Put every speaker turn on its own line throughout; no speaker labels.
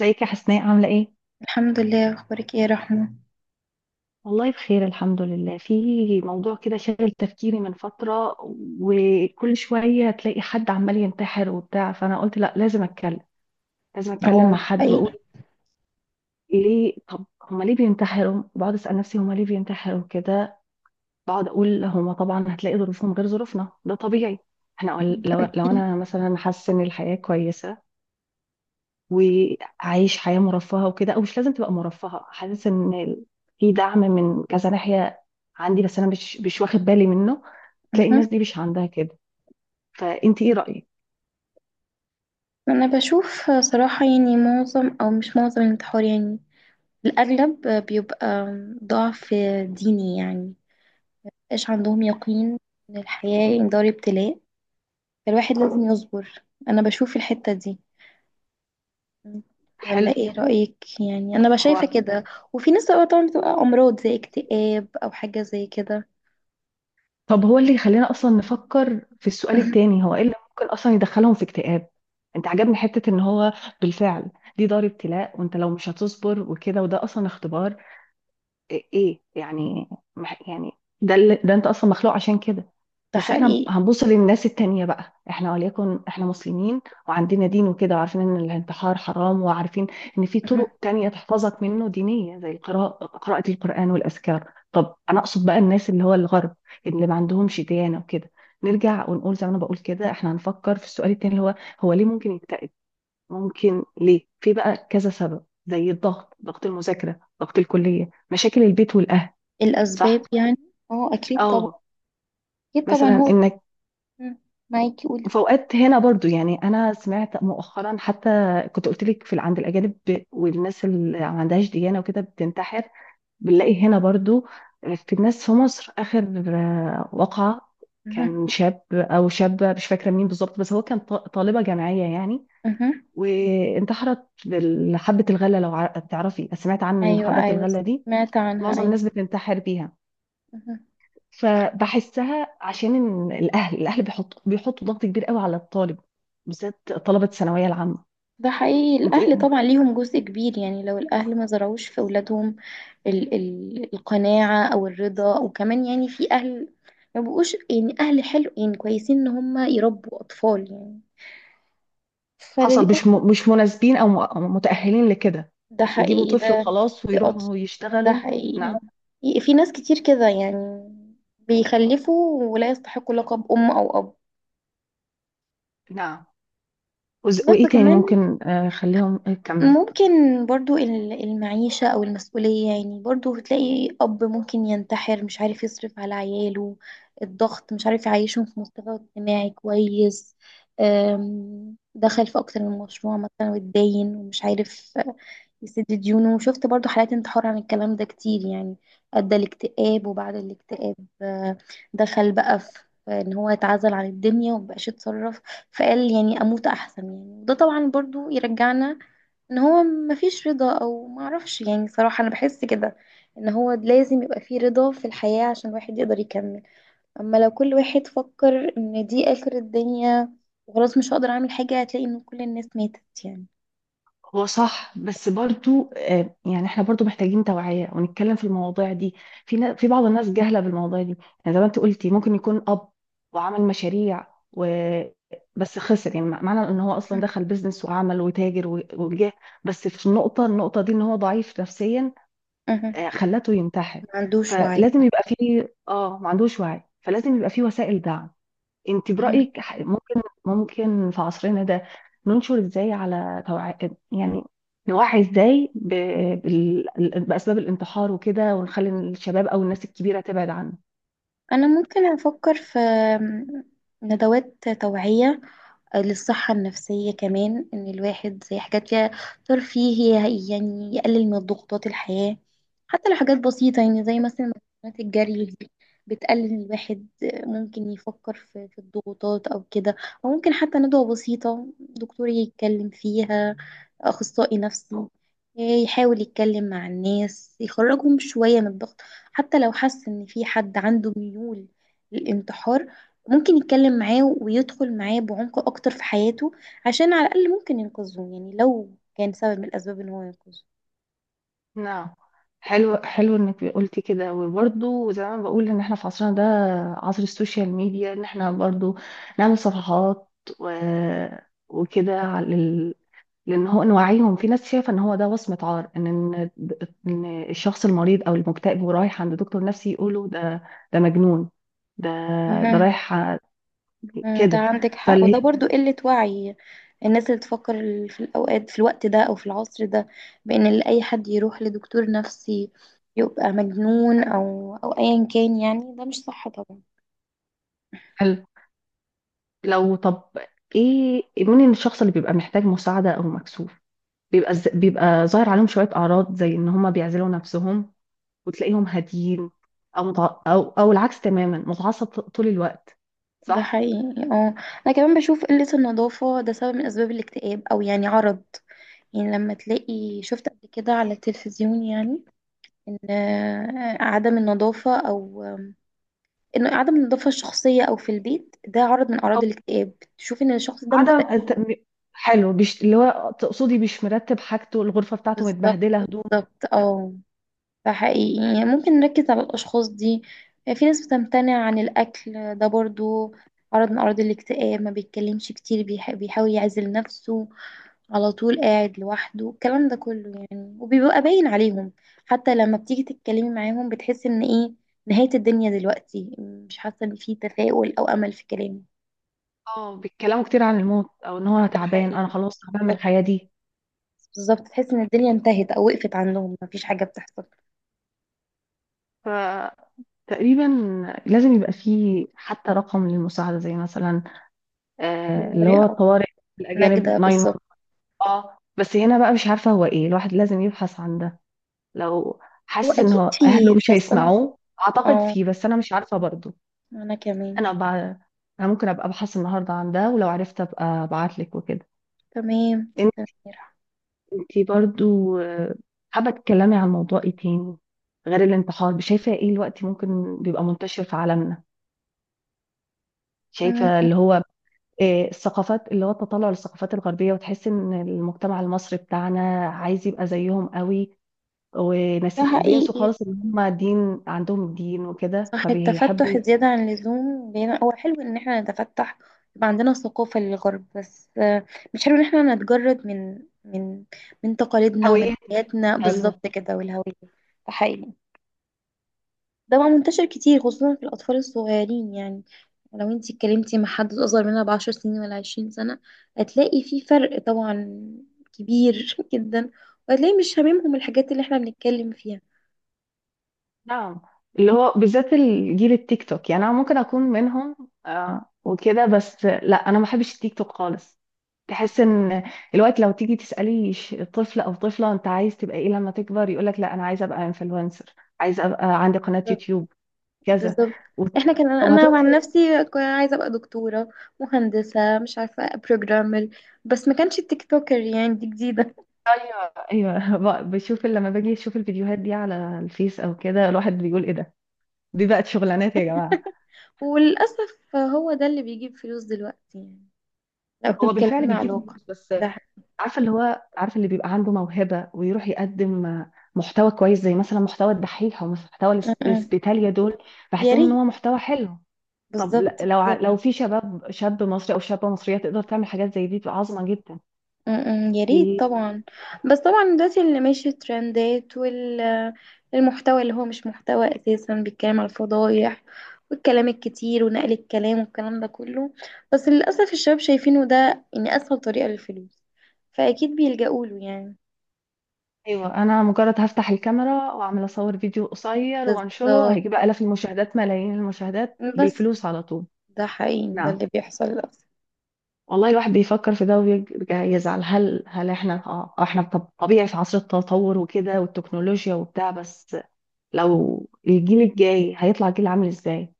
ازيك يا حسناء، عاملة ايه؟
الحمد لله، اخبارك ايه يا رحمه؟
والله بخير الحمد لله، في موضوع كده شاغل تفكيري من فترة، وكل شوية تلاقي حد عمال ينتحر وبتاع، فأنا قلت لا، لازم أتكلم، لازم أتكلم
اه،
مع حد
حقيقي.
وأقول ليه. طب هما ليه بينتحروا؟ بقعد أسأل نفسي هما ليه بينتحروا كده، بقعد أقول هما طبعا هتلاقي ظروفهم غير ظروفنا، ده طبيعي. احنا لو أنا مثلا حاسة إن الحياة كويسة، وعايش حياة مرفهة وكده، او مش لازم تبقى مرفهة، حاسس ان في دعم من كذا ناحية عندي، بس انا مش واخد بالي منه، تلاقي
مهم.
الناس دي مش عندها كده. فانت ايه رأيك؟
انا بشوف صراحه، يعني معظم او مش معظم الانتحار، يعني الاغلب بيبقى ضعف ديني. يعني مبقاش عندهم يقين ان الحياه يعني دار ابتلاء، فالواحد لازم يصبر. انا بشوف الحته دي. ولا
حلو.
ايه رايك؟ يعني انا
هو
بشايفه كده. وفي ناس بقى طبعا بتبقى امراض زي اكتئاب او حاجه زي كده.
طب هو اللي يخلينا اصلا نفكر في السؤال التاني، هو ايه اللي ممكن اصلا يدخلهم في اكتئاب؟ انت عجبني حتة ان هو بالفعل دي دار ابتلاء، وانت لو مش هتصبر وكده، وده اصلا اختبار. إيه إيه؟ يعني يعني ده أنت أصلا مخلوق عشان كده.
ده
بس إحنا
حقيقي.
هنبص للناس التانية بقى، إحنا وليكن إحنا مسلمين وعندنا دين وكده، وعارفين إن الانتحار حرام، وعارفين إن في
مهم.
طرق تانية تحفظك منه دينية، زي القراءة، قراءة القرآن والأذكار. طب أنا أقصد بقى الناس اللي هو الغرب، اللي ما عندهمش ديانة وكده. نرجع ونقول زي ما أنا بقول كده، إحنا هنفكر في السؤال التاني، اللي هو ليه ممكن يكتئب؟ ممكن ليه؟ في بقى كذا سبب، زي الضغط، ضغط المذاكره، ضغط الكليه، مشاكل البيت والاهل.
الأسباب
صح.
يعني. اه، أكيد طبعا.
اه،
أكيد طبعا،
مثلا
هو.
انك
مم. معاكي، قولي.
وفوقات هنا برضو، يعني انا سمعت مؤخرا حتى، كنت قلت لك في عند الاجانب والناس اللي ما عندهاش ديانه وكده بتنتحر، بنلاقي هنا برضو في الناس في مصر. اخر وقعه
مه.
كان شاب او شابه، مش فاكره مين بالظبط، بس هو كان طالبه جامعيه يعني،
مه.
وانتحرت بحبة الغلة. لو تعرفي، سمعت عن
ايوه،
حبة
ايوه.
الغلة دي؟
سمعت عنها،
معظم
ايوه.
الناس بتنتحر بيها.
مه.
فبحسها عشان إن الأهل بيحطوا ضغط كبير قوي على الطالب، بالذات طلبة الثانوية العامة.
ده حقيقي.
انت
الأهل
إيه؟
طبعا ليهم جزء كبير، يعني لو الأهل ما زرعوش في أولادهم ال القناعة أو الرضا، وكمان يعني في أهل ما بقوش يعني أهل حلو يعني كويسين إن هم يربوا أطفال، يعني
حصل مش
فللأسف.
مش مناسبين، أو أو متأهلين لكده،
ده
يجيبوا
حقيقي
طفل
ده.
خلاص
في أطفال.
ويروحوا
ده
يشتغلوا.
حقيقي.
نعم.
في ناس كتير كده، يعني بيخلفوا ولا يستحقوا لقب أم أو أب.
نعم.
بس
وإيه تاني
كمان
ممكن؟ خليهم، كمل.
ممكن برضو المعيشة أو المسؤولية، يعني برضو بتلاقي أب ممكن ينتحر مش عارف يصرف على عياله. الضغط، مش عارف يعيشهم في مستوى اجتماعي كويس. دخل في أكتر من مشروع مثلا، واتداين ومش عارف يسد ديونه. شفت برضو حالات انتحار عن الكلام ده كتير، يعني أدى الاكتئاب وبعد الاكتئاب آه، دخل بقى في ان هو اتعزل عن الدنيا ومبقاش يتصرف. فقال يعني اموت احسن، يعني وده طبعا برضو يرجعنا ان هو مفيش رضا. او معرفش يعني صراحة، انا بحس كده ان هو لازم يبقى فيه رضا في الحياة عشان الواحد يقدر يكمل. اما لو كل واحد فكر ان دي اخر الدنيا وخلاص مش هقدر اعمل حاجة، هتلاقي ان كل الناس ماتت يعني.
هو صح، بس برضو يعني احنا برضو محتاجين توعية ونتكلم في المواضيع دي، في في بعض الناس جاهلة بالمواضيع دي. يعني زي ما انت قلتي، ممكن يكون أب وعمل مشاريع و بس خسر، يعني معنى ان هو اصلا
مه.
دخل بيزنس وعمل وتاجر وجاه، بس في النقطة، دي ان هو ضعيف نفسيا،
مه.
خلته ينتحر.
ما عندوش وعي.
فلازم يبقى فيه، ما عندوش وعي، فلازم يبقى فيه وسائل دعم. انت
مه.
برأيك ممكن في عصرنا ده ننشر ازاي على يعني نوعي ازاي بال... بأسباب الانتحار وكده، ونخلي الشباب او الناس الكبيرة تبعد عنه.
انا ممكن افكر في ندوات توعية للصحة النفسية، كمان إن الواحد زي حاجات فيها ترفيه، يعني يقلل من ضغوطات الحياة. حتى لو حاجات بسيطة، يعني زي مثلا مكملات الجري دي بتقلل الواحد ممكن يفكر في الضغوطات أو كده. أو ممكن حتى ندوة بسيطة دكتور يتكلم فيها، أخصائي نفسي يحاول يتكلم مع الناس يخرجهم شوية من الضغط. حتى لو حس إن في حد عنده ميول للانتحار، ممكن يتكلم معاه ويدخل معاه بعمق اكتر في حياته، عشان على الاقل ممكن ينقذه، يعني لو كان سبب من الاسباب ان هو ينقذه.
نعم. حلو، حلو انك قلتي كده. وبرضه زي ما بقول، ان احنا في عصرنا ده، عصر السوشيال ميديا، ان احنا برضه نعمل صفحات و... وكده، لان هو نوعيهم. في ناس شايفه ان هو ده وصمه عار، ان ان إن الشخص المريض او المكتئب ورايح عند دكتور نفسي، يقولوا ده مجنون، ده ده
مهم.
رايح ع-
ده
كده.
عندك حق
فاللي هي
وده برضو قلة وعي. الناس اللي تفكر في الأوقات، في الوقت ده أو في العصر ده، بأن اللي أي حد يروح لدكتور نفسي يبقى مجنون أو أيا كان، يعني ده مش صح طبعا.
حلو. لو طب ايه؟ مين الشخص اللي بيبقى محتاج مساعده او مكسوف؟ بيبقى ظاهر عليهم شويه اعراض، زي ان هم بيعزلوا نفسهم وتلاقيهم هاديين، او او العكس تماما متعصب طول الوقت.
ده
صح.
حقيقي. اه، انا كمان بشوف قلة النظافة ده سبب من اسباب الاكتئاب او يعني عرض. يعني لما تلاقي شفت قبل كده على التلفزيون، يعني ان عدم النظافة او ان عدم النظافة الشخصية او في البيت ده عرض من اعراض الاكتئاب، تشوف ان الشخص ده مكتئب.
عدم أنت- م- حلو، اللي هو تقصدي مش مرتب حاجته، الغرفة بتاعته
بالظبط،
متبهدلة، هدوم.
بالظبط، اه. فحقيقي يعني ممكن نركز على الأشخاص دي. في ناس بتمتنع عن الأكل، ده برضو عرض من أعراض الاكتئاب. ما بيتكلمش كتير، بيحاول يعزل نفسه، على طول قاعد لوحده، الكلام ده كله يعني وبيبقى باين عليهم. حتى لما بتيجي تتكلمي معاهم بتحس إن إيه؟ نهاية الدنيا دلوقتي، مش حاسة إن في تفاؤل أو أمل في كلامه.
اه، بيتكلموا كتير عن الموت، او ان هو
ده
تعبان،
حقيقي.
انا خلاص تعبان من
بالظبط،
الحياة دي.
بالظبط تحس إن الدنيا انتهت أو وقفت عندهم، مفيش حاجة بتحصل.
فتقريبا لازم يبقى فيه حتى رقم للمساعدة، زي مثلا اللي
طريقة
هو
أو
الطوارئ، الأجانب
نجدة، بالظبط.
911. اه، بس هنا بقى مش عارفة هو ايه. الواحد لازم يبحث عن ده لو
هو
حاسس ان
أكيد
هو اهله
فيه،
مش
بس أنا ممكن.
هيسمعوه، اعتقد
اه،
فيه، بس انا مش عارفة برضه.
انا كمان.
انا أبقى انا ممكن ابقى ابحث النهارده عن ده، ولو عرفت ابقى ابعت لك وكده.
تمام
انت
سميرة.
انتي برضو، حابه تتكلمي عن موضوع ايه تاني غير الانتحار؟ شايفه ايه الوقت ممكن بيبقى منتشر في عالمنا؟ شايفه
أمم،
اللي هو الثقافات، اللي هو التطلع للثقافات الغربيه، وتحس ان المجتمع المصري بتاعنا عايز يبقى زيهم قوي،
ده
ونسي وبينسوا
حقيقي.
خالص ان هم دين، عندهم الدين وكده،
صح، التفتح
فبيحبوا
زيادة عن اللزوم بينا. هو حلو ان احنا نتفتح، يبقى عندنا ثقافة للغرب، بس مش حلو ان احنا نتجرد من تقاليدنا ومن
هويات.
حياتنا،
حلو.
بالظبط كده، والهوية. ده حقيقي. ده بقى منتشر كتير، خصوصا في الأطفال الصغيرين يعني. لو انتي اتكلمتي مع حد أصغر منها ب10 سنين ولا 20 سنة، هتلاقي في فرق طبعا كبير جدا. وهتلاقي مش هاممهم الحاجات اللي احنا بنتكلم فيها.
نعم. اللي هو بالذات الجيل التيك توك، يعني انا ممكن اكون منهم وكده، بس لا، انا ما بحبش التيك توك خالص. تحس ان الوقت لو تيجي تسالي طفل او طفله انت عايز تبقى ايه لما تكبر، يقول لك لا انا عايز ابقى انفلونسر، عايز ابقى عندي قناه
بالظبط،
يوتيوب، كذا.
بالظبط. احنا كان،
طب
انا عن
هتنشر.
نفسي كنت عايزه ابقى دكتوره، مهندسه، مش عارفه بروجرامر، بس ما كانش التيك توكر، يعني دي جديده.
ايوه. ايوه. بشوف لما باجي اشوف الفيديوهات دي على الفيس او كده، الواحد بيقول ايه ده، دي بقت شغلانات يا جماعه.
وللاسف هو ده اللي بيجيب فلوس دلوقتي، يعني لو
هو بالفعل
اتكلمنا على
بيجيب
الواقع.
فلوس، بس
ده حقيقي.
عارفه، اللي هو عارفه اللي بيبقى عنده موهبه ويروح يقدم محتوى كويس، زي مثلا محتوى الدحيح، او محتوى
أه، أه.
الاسبيتاليا دول،
يا
بحسهم ان
ريت.
هو محتوى حلو. طب ل-
بالظبط،
لو ع-
بالظبط.
لو في شاب مصري او شابه مصريه تقدر تعمل حاجات زي دي، تبقى عظمه جدا.
يا
في
ريت طبعا. بس طبعا دلوقتي اللي ماشي الترندات والمحتوى، اللي هو مش محتوى اساسا، بيتكلم على الفضايح والكلام الكتير ونقل الكلام والكلام ده كله. بس للاسف الشباب شايفينه ده ان اسهل طريقة للفلوس، فاكيد بيلجأوا له يعني.
ايوه، انا مجرد هفتح الكاميرا واعمل اصور فيديو قصير
بس،
وانشره، هيجيب الاف المشاهدات، ملايين المشاهدات،
بس
بالفلوس على طول.
ده حقيقي ده
نعم.
اللي بيحصل للاسف.
والله الواحد بيفكر في ده وبيرجع يزعل، هل احنا، احنا طبيعي في عصر التطور وكده والتكنولوجيا وبتاع، بس لو الجيل الجاي هيطلع جيل عامل ازاي؟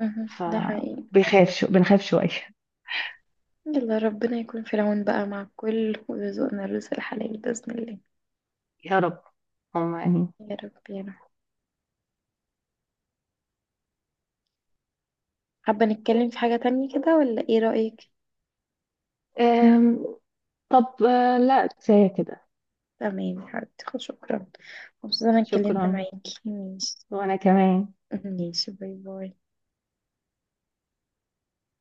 مهم. ده حقيقي.
فبيخاف شو بنخاف شوية.
يلا ربنا يكون في العون بقى مع الكل، ويرزقنا الرزق الحلال بإذن الله.
يا رب. هم يعني.
يا رب، يا رب. حابة نتكلم في حاجة تانية كده ولا ايه رأيك؟
أم، طب، لا كفاية كده.
تمام يا حبيبتي، خلاص، شكرا. مبسوطة إن أنا اتكلمت
شكرا.
معاكي، ماشي.
وأنا كمان.
ماشي، باي باي.